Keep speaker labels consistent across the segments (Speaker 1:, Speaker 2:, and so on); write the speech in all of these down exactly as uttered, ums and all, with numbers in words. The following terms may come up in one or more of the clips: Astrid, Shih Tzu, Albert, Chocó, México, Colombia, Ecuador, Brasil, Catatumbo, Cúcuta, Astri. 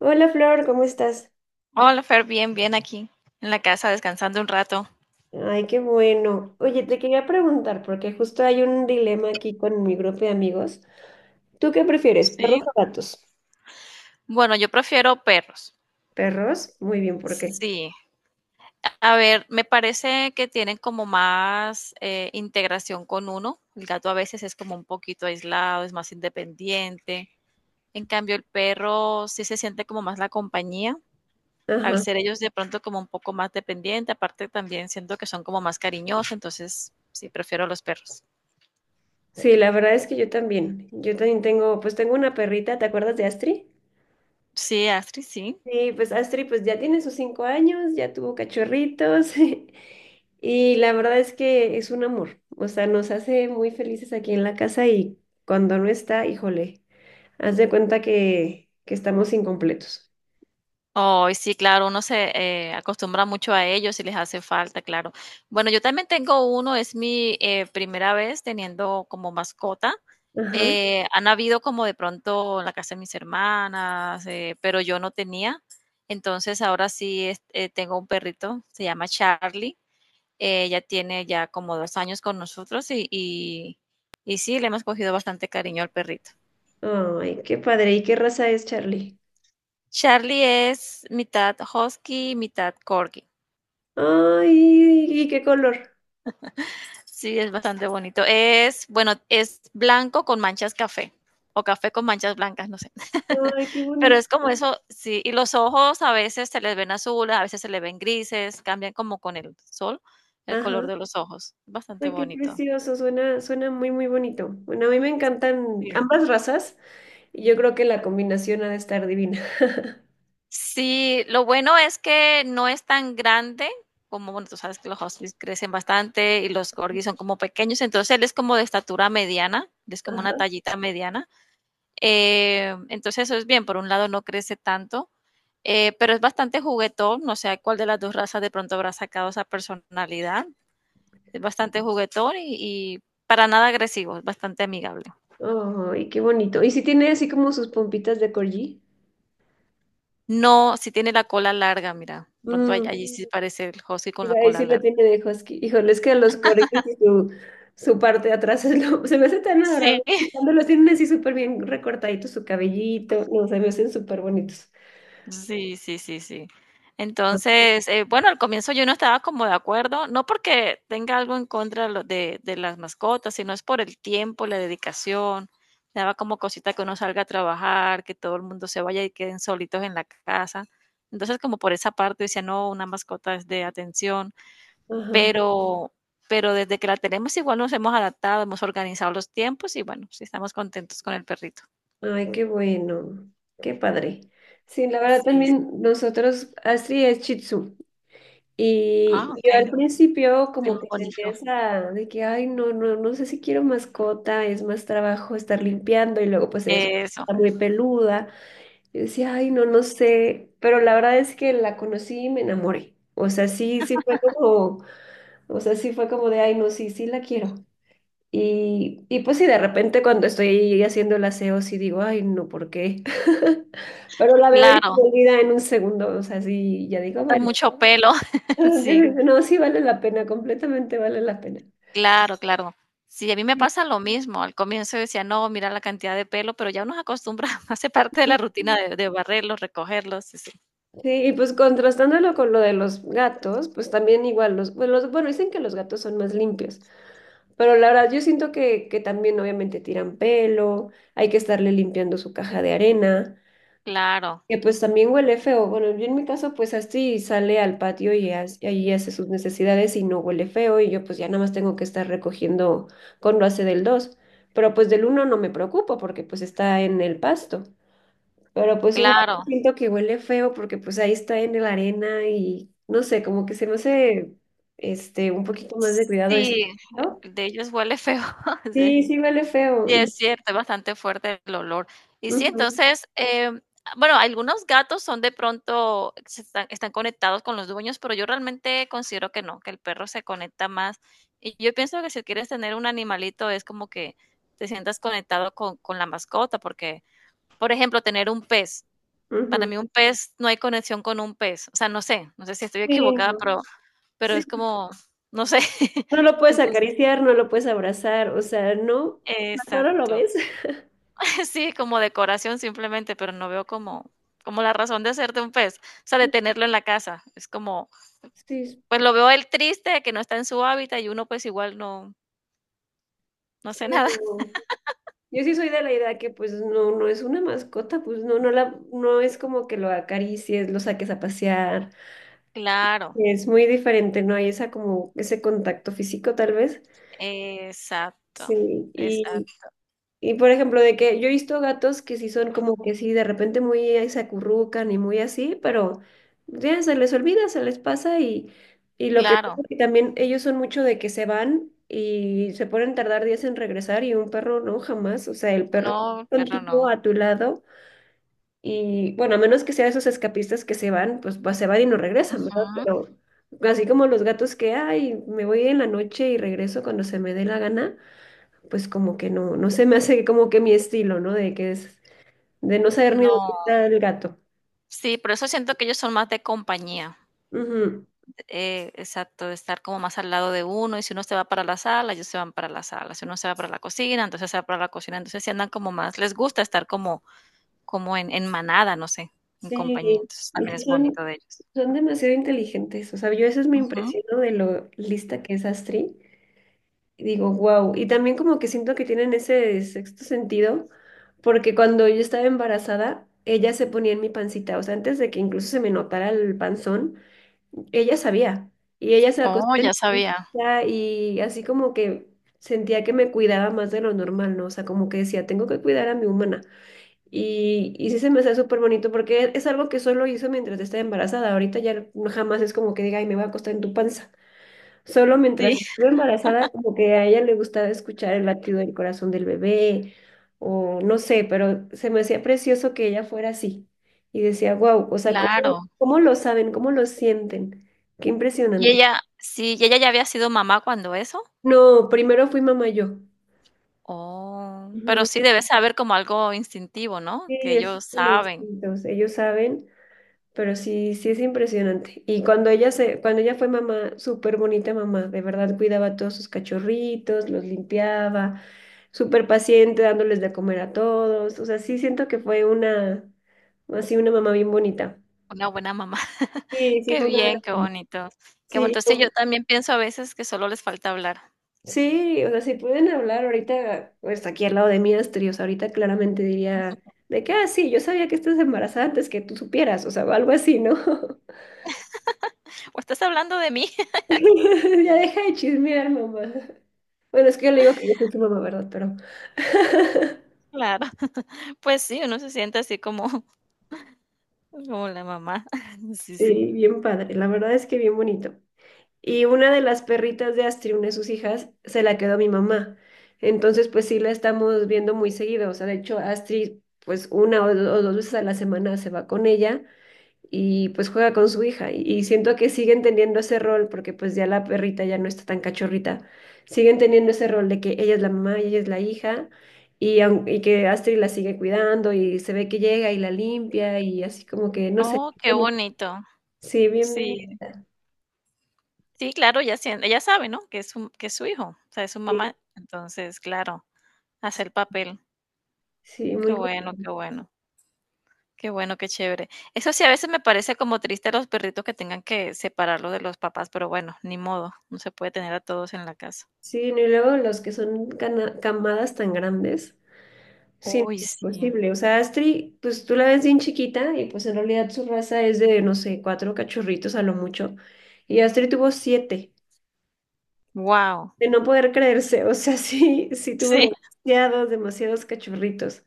Speaker 1: Hola Flor, ¿cómo estás?
Speaker 2: Hola, Fer, bien, bien aquí en la casa descansando un rato.
Speaker 1: Ay, qué bueno. Oye, te quería preguntar, porque justo hay un dilema aquí con mi grupo de amigos. ¿Tú qué prefieres, perros
Speaker 2: Sí.
Speaker 1: o gatos?
Speaker 2: Bueno, yo prefiero perros.
Speaker 1: ¿Perros? Muy bien, ¿por qué?
Speaker 2: Sí. A ver, me parece que tienen como más eh, integración con uno. El gato a veces es como un poquito aislado, es más independiente. En cambio, el perro sí se siente como más la compañía. Al
Speaker 1: Ajá.
Speaker 2: ser ellos de pronto como un poco más dependiente, aparte también siento que son como más cariñosos, entonces sí, prefiero los perros.
Speaker 1: Sí, la verdad es que yo también. Yo también tengo, pues tengo una perrita, ¿te acuerdas de Astri?
Speaker 2: Sí, Astrid, sí.
Speaker 1: Sí, pues Astri pues ya tiene sus cinco años, ya tuvo cachorritos y la verdad es que es un amor. O sea, nos hace muy felices aquí en la casa y cuando no está, híjole. Haz de cuenta que, que estamos incompletos.
Speaker 2: Ay, sí, claro, uno se eh, acostumbra mucho a ellos y les hace falta, claro. Bueno, yo también tengo uno, es mi eh, primera vez teniendo como mascota.
Speaker 1: Ajá.
Speaker 2: Eh, han habido como de pronto en la casa de mis hermanas, eh, pero yo no tenía. Entonces ahora sí es- eh, tengo un perrito, se llama Charlie. Eh, Ella tiene ya como dos años con nosotros y, y, y sí, le hemos cogido bastante cariño al perrito.
Speaker 1: Ay, qué padre. ¿Y qué raza es Charlie?
Speaker 2: Charlie es mitad husky, mitad corgi.
Speaker 1: Ay, ¿y qué color?
Speaker 2: Sí, es bastante bonito. Es, bueno, es blanco con manchas café o café con manchas blancas, no sé.
Speaker 1: Ay, qué
Speaker 2: Pero
Speaker 1: bonito.
Speaker 2: es como eso, sí, y los ojos a veces se les ven azules, a veces se les ven grises, cambian como con el sol el color
Speaker 1: Ajá.
Speaker 2: de los ojos. Bastante
Speaker 1: Ay, qué
Speaker 2: bonito.
Speaker 1: precioso. Suena, suena muy, muy bonito. Bueno, a mí me encantan
Speaker 2: Sí.
Speaker 1: ambas razas y yo creo que la combinación ha de estar divina.
Speaker 2: Sí, lo bueno es que no es tan grande como, bueno, tú sabes que los huskies crecen bastante y los corgis son como pequeños, entonces él es como de estatura mediana, él es como una
Speaker 1: Ajá.
Speaker 2: tallita mediana. Eh, entonces eso es bien, por un lado no crece tanto, eh, pero es bastante juguetón, no sé cuál de las dos razas de pronto habrá sacado esa personalidad. Es bastante juguetón y, y para nada agresivo, es bastante amigable.
Speaker 1: Ay, qué bonito. ¿Y si tiene así como sus pompitas de corgi?
Speaker 2: No, si tiene la cola larga, mira, de pronto all-
Speaker 1: Mm.
Speaker 2: allí sí parece el husky con
Speaker 1: Iba
Speaker 2: la cola
Speaker 1: sí lo
Speaker 2: larga.
Speaker 1: tiene de Husky. Híjole, es que los corgis y su, su parte de atrás es lo- se me hace tan adorable.
Speaker 2: Sí,
Speaker 1: Cuando los tienen así súper bien recortaditos, su cabellito, no, se me hacen súper bonitos.
Speaker 2: sí, sí, sí, sí. Entonces, eh, bueno, al comienzo yo no estaba como de acuerdo, no porque tenga algo en contra lo- de, de las mascotas, sino es por el tiempo, la dedicación. Me daba como cosita que uno salga a trabajar, que todo el mundo se vaya y queden solitos en la casa. Entonces, como por esa parte decía, no, una mascota es de atención,
Speaker 1: Ajá.
Speaker 2: pero, pero desde que la tenemos igual nos hemos adaptado, hemos organizado los tiempos y bueno, sí estamos contentos con el perrito.
Speaker 1: Ay, qué bueno. Qué padre. Sí, la verdad
Speaker 2: Sí,
Speaker 1: también
Speaker 2: sí.
Speaker 1: nosotros, Astrid es Shih Tzu.
Speaker 2: Ah,
Speaker 1: Y yo
Speaker 2: ok,
Speaker 1: al principio
Speaker 2: bien
Speaker 1: como que tenía
Speaker 2: bonito.
Speaker 1: esa de que, ay, no, no, no sé si quiero mascota, es más trabajo estar limpiando y luego pues ella es-
Speaker 2: Eso.
Speaker 1: está muy peluda. Yo decía, ay, no, no sé, pero la verdad es que la conocí y me enamoré. O sea, sí, sí fue como, o sea, sí fue como de, ay, no, sí, sí la quiero. Y, y pues sí, de repente cuando estoy haciendo el aseo, sí digo, ay, no, ¿por qué? Pero la veo y se
Speaker 2: Claro,
Speaker 1: me olvida en un segundo, o sea, sí, ya digo,
Speaker 2: bota
Speaker 1: bueno,
Speaker 2: mucho pelo. Sí,
Speaker 1: no, sí vale la pena, completamente vale la pena.
Speaker 2: claro, claro. Sí, a mí me
Speaker 1: Sí,
Speaker 2: pasa lo mismo. Al comienzo decía: "No, mira la cantidad de pelo", pero ya uno se acostumbra, hace parte de la rutina de de barrerlos, recogerlos, sí, sí.
Speaker 1: sí, y pues contrastándolo con lo de los gatos, pues también igual los, pues, los- bueno, dicen que los gatos son más limpios. Pero la verdad, yo siento que, que también obviamente tiran pelo, hay que estarle limpiando su caja de arena,
Speaker 2: Claro,
Speaker 1: que pues también huele feo. Bueno, yo en mi caso pues así sale al patio y as- y allí hace sus necesidades y no huele feo y yo pues ya nada más tengo que estar recogiendo cuando hace del dos. Pero pues del uno no me preocupo porque pues está en el pasto. Pero pues un gato
Speaker 2: claro.
Speaker 1: siento que huele feo porque pues ahí está en la arena y no sé, como que se me hace este un poquito más de cuidado eso,
Speaker 2: Sí,
Speaker 1: ¿no?
Speaker 2: el de ellos huele feo,
Speaker 1: Sí,
Speaker 2: sí.
Speaker 1: sí huele feo.
Speaker 2: Sí, es
Speaker 1: Y
Speaker 2: cierto, es bastante fuerte el olor. Y sí,
Speaker 1: ujú,
Speaker 2: entonces, em, bueno, algunos gatos son de pronto, se están, están conectados con los dueños, pero yo realmente considero que no, que el perro se conecta más. Y yo pienso que si quieres tener un animalito es como que te sientas conectado con, con la mascota, porque, por ejemplo, tener un pez, para
Speaker 1: ujú.
Speaker 2: mí un pez, no hay conexión con un pez. O sea, no sé, no sé si estoy
Speaker 1: Sí,
Speaker 2: equivocada,
Speaker 1: no.
Speaker 2: pero, pero
Speaker 1: Sí.
Speaker 2: es como, no sé.
Speaker 1: No lo puedes
Speaker 2: Entonces,
Speaker 1: acariciar, no lo puedes abrazar, o sea, no, ahora lo
Speaker 2: exacto.
Speaker 1: ves.
Speaker 2: Sí, como decoración simplemente, pero no veo como, como la razón de ser de un pez, o sea, de tenerlo en la casa. Es como,
Speaker 1: Sí,
Speaker 2: pues lo veo él triste de que no está en su hábitat y uno pues igual no, no
Speaker 1: sí,
Speaker 2: hace nada.
Speaker 1: no. Yo sí soy de la idea que pues no, no es una mascota, pues no, no la, no es como que lo acaricies, lo saques a pasear.
Speaker 2: Claro,
Speaker 1: Es muy diferente, no hay esa como ese contacto físico tal vez.
Speaker 2: exacto,
Speaker 1: Sí,
Speaker 2: exacto,
Speaker 1: y por ejemplo, de que yo he visto gatos que sí son como que sí, de repente muy ahí se acurrucan y muy así, pero ya se les olvida, se les pasa y, y lo que
Speaker 2: claro.
Speaker 1: que también ellos son mucho de que se van y se pueden tardar días en regresar y un perro no, jamás, o sea, el perro
Speaker 2: No, pero
Speaker 1: contigo
Speaker 2: no.
Speaker 1: a tu lado y bueno, a menos que sea esos escapistas que se van, pues, pues se van y no regresan, ¿verdad?
Speaker 2: Ujú.
Speaker 1: Pero así como los gatos que, ay, me voy en la noche y regreso cuando se me dé la gana pues como que no, no se me hace como que mi estilo, ¿no? De que es, de no saber ni dónde
Speaker 2: No,
Speaker 1: está el gato.
Speaker 2: sí, por eso siento que ellos son más de compañía.
Speaker 1: Ujú.
Speaker 2: Eh, exacto, de estar como más al lado de uno. Y si uno se va para la sala, ellos se van para la sala. Si uno se va para la cocina, entonces se va para la cocina. Entonces sí andan como más, les gusta estar como como en en manada, no sé, en compañía,
Speaker 1: Sí,
Speaker 2: entonces
Speaker 1: y
Speaker 2: también
Speaker 1: sí
Speaker 2: es
Speaker 1: son,
Speaker 2: bonito de ellos.
Speaker 1: son demasiado inteligentes. O sea, yo eso es mi
Speaker 2: Ujú.
Speaker 1: impresión de lo lista que es Astrid. Y digo, wow. Y también como que siento que tienen ese sexto sentido, porque cuando yo estaba embarazada, ella se ponía en mi pancita. O sea, antes de que incluso se me notara el panzón, ella sabía y ella se acostó
Speaker 2: Oh,
Speaker 1: en
Speaker 2: ya
Speaker 1: mi
Speaker 2: sabía.
Speaker 1: silla y así como que sentía que me cuidaba más de lo normal, ¿no? O sea, como que decía, tengo que cuidar a mi humana. Y, y sí se me hace súper bonito porque es algo que solo hizo mientras estaba embarazada. Ahorita ya jamás es como que diga, ay, me voy a acostar en tu panza. Solo
Speaker 2: Sí,
Speaker 1: mientras estuve embarazada, como que a ella le gustaba escuchar el latido del corazón del bebé, o no sé, pero se me hacía precioso que ella fuera así. Y decía, wow, o sea, ¿cómo,
Speaker 2: claro.
Speaker 1: cómo lo saben? ¿Cómo lo sienten? Qué
Speaker 2: ¿Y
Speaker 1: impresionante.
Speaker 2: ella sí, y ella ya había sido mamá cuando eso?
Speaker 1: No, primero fui mamá yo.
Speaker 2: Oh, pero
Speaker 1: Ujú.
Speaker 2: sí debe saber como algo instintivo, ¿no?
Speaker 1: Sí,
Speaker 2: Que
Speaker 1: es
Speaker 2: ellos
Speaker 1: el
Speaker 2: saben,
Speaker 1: instinto. O sea, ellos saben. Pero sí, sí es impresionante. Y cuando ella se, cuando ella fue mamá, súper bonita mamá, de verdad cuidaba a todos sus cachorritos, los limpiaba, súper paciente, dándoles de comer a todos. O sea, sí siento que fue una, así una mamá bien bonita.
Speaker 2: una buena mamá.
Speaker 1: Sí, sí,
Speaker 2: Qué
Speaker 1: fue una buena-
Speaker 2: bien, qué
Speaker 1: mamá.
Speaker 2: bonito. Qué
Speaker 1: Sí,
Speaker 2: bueno. Sí, yo
Speaker 1: como-
Speaker 2: también pienso a veces que solo les falta hablar.
Speaker 1: sí, o sea, si pueden hablar ahorita, pues aquí al lado de mí, Asturias, ahorita claramente diría de que, ah, sí, yo sabía que estás embarazada antes que tú supieras, o sea, o algo así, ¿no?
Speaker 2: ¿O estás hablando de mí?
Speaker 1: Ya deja de chismear, mamá. Bueno, es que yo le digo que yo soy su mamá, ¿verdad? Pero
Speaker 2: Claro. Pues sí, uno se siente así como como la mamá. Sí, sí.
Speaker 1: sí, bien padre. La verdad es que bien bonito. Y una de las perritas de Astrid, una de sus hijas, se la quedó mi mamá. Entonces, pues sí la estamos viendo muy seguido. O sea, de hecho, Astrid, pues una o do- o dos veces a la semana se va con ella. Y pues juega con su hija. Y, y siento que siguen teniendo ese rol, porque pues ya la perrita ya no está tan cachorrita, siguen teniendo ese rol de que ella es la mamá y ella es la hija, y, aun- y que Astrid la sigue cuidando y se ve que llega y la limpia y así como que, no sé,
Speaker 2: Oh, qué
Speaker 1: bonito.
Speaker 2: bonito.
Speaker 1: Sí, bien, bien,
Speaker 2: Sí.
Speaker 1: bonita.
Speaker 2: Sí, claro, ella sien ella sabe, ¿no?, que es su que es su hijo, o sea, es su
Speaker 1: Sí,
Speaker 2: mamá. Entonces, claro, hace
Speaker 1: sí,
Speaker 2: el papel.
Speaker 1: sí,
Speaker 2: Qué
Speaker 1: muy
Speaker 2: bueno,
Speaker 1: bonito.
Speaker 2: qué bueno, qué bueno, qué chévere. Eso sí, a veces me parece como triste a los perritos que tengan que separarlo de los papás, pero bueno, ni modo, no se puede tener a todos en la casa.
Speaker 1: Sí, no, y luego los que son cana- camadas tan grandes. Sí, no
Speaker 2: Uy,
Speaker 1: es
Speaker 2: sí.
Speaker 1: imposible. O sea, Astrid, pues tú la ves bien chiquita y pues en realidad su raza es de, no sé, cuatro cachorritos a lo mucho. Y Astrid tuvo siete,
Speaker 2: Wow.
Speaker 1: de no poder creerse. O sea, sí, sí tuvo
Speaker 2: Sí,
Speaker 1: demasiados, demasiados cachorritos.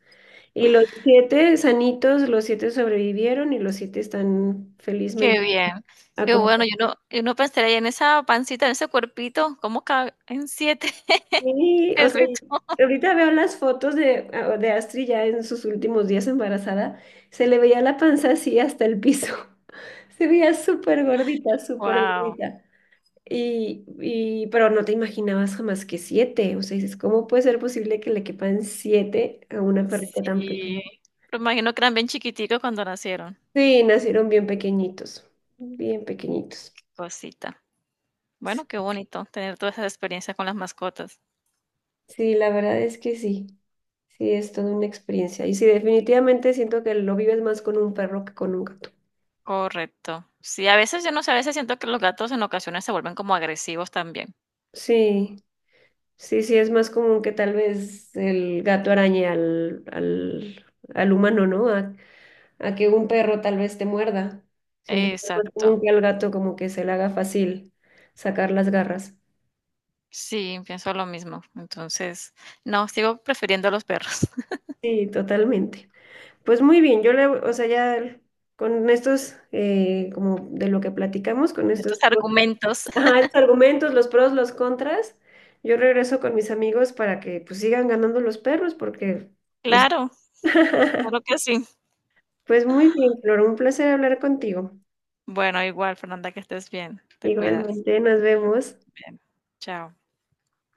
Speaker 1: Y los siete sanitos, los siete sobrevivieron y los siete están
Speaker 2: qué
Speaker 1: felizmente
Speaker 2: bien, qué bueno. Yo
Speaker 1: acomodados.
Speaker 2: no yo no pensaría en esa pancita, en ese cuerpito, cómo caben siete
Speaker 1: Sí, o sea,
Speaker 2: perritos.
Speaker 1: ahorita veo las fotos de, ah, de Astrid ya en sus últimos días embarazada, se le veía la panza así hasta el piso. Se veía súper gordita, súper
Speaker 2: Wow.
Speaker 1: gordita. Y, y, pero no te imaginabas jamás que siete. O sea, dices, ¿cómo puede ser posible que le quepan siete a una perrita tan
Speaker 2: Sí,
Speaker 1: pequeña?
Speaker 2: pero imagino que eran bien chiquiticos cuando nacieron.
Speaker 1: Sí, nacieron bien pequeñitos, bien pequeñitos.
Speaker 2: Cosita. Bueno, qué bonito tener todas esas experiencias con las mascotas.
Speaker 1: Sí, la verdad es que sí. Sí, es toda una experiencia. Y sí, definitivamente siento que lo vives más con un perro que con un gato.
Speaker 2: Correcto. Sí, a veces yo no sé, a veces siento que los gatos en ocasiones se vuelven como agresivos también.
Speaker 1: Sí, sí, sí, es más común que tal vez el gato arañe al, al, al humano, ¿no? A, a que un perro tal vez te muerda. Siento que es más
Speaker 2: Exacto.
Speaker 1: común que al gato como que se le haga fácil sacar las garras.
Speaker 2: Sí, pienso lo mismo. Entonces, no, sigo prefiriendo a los perros.
Speaker 1: Sí, totalmente. Pues muy bien, yo le, o sea, ya con estos, eh, como de lo que platicamos, con
Speaker 2: Con estos
Speaker 1: estos, pues,
Speaker 2: argumentos.
Speaker 1: ajá, los argumentos, los pros, los contras, yo regreso con mis amigos para que pues sigan ganando los perros porque, pues...
Speaker 2: Claro, claro que sí.
Speaker 1: Pues muy bien, Flor, un placer hablar contigo.
Speaker 2: Bueno, igual, Fernanda, que estés bien. Te cuidas.
Speaker 1: Igualmente, nos vemos.
Speaker 2: Bien. Chao.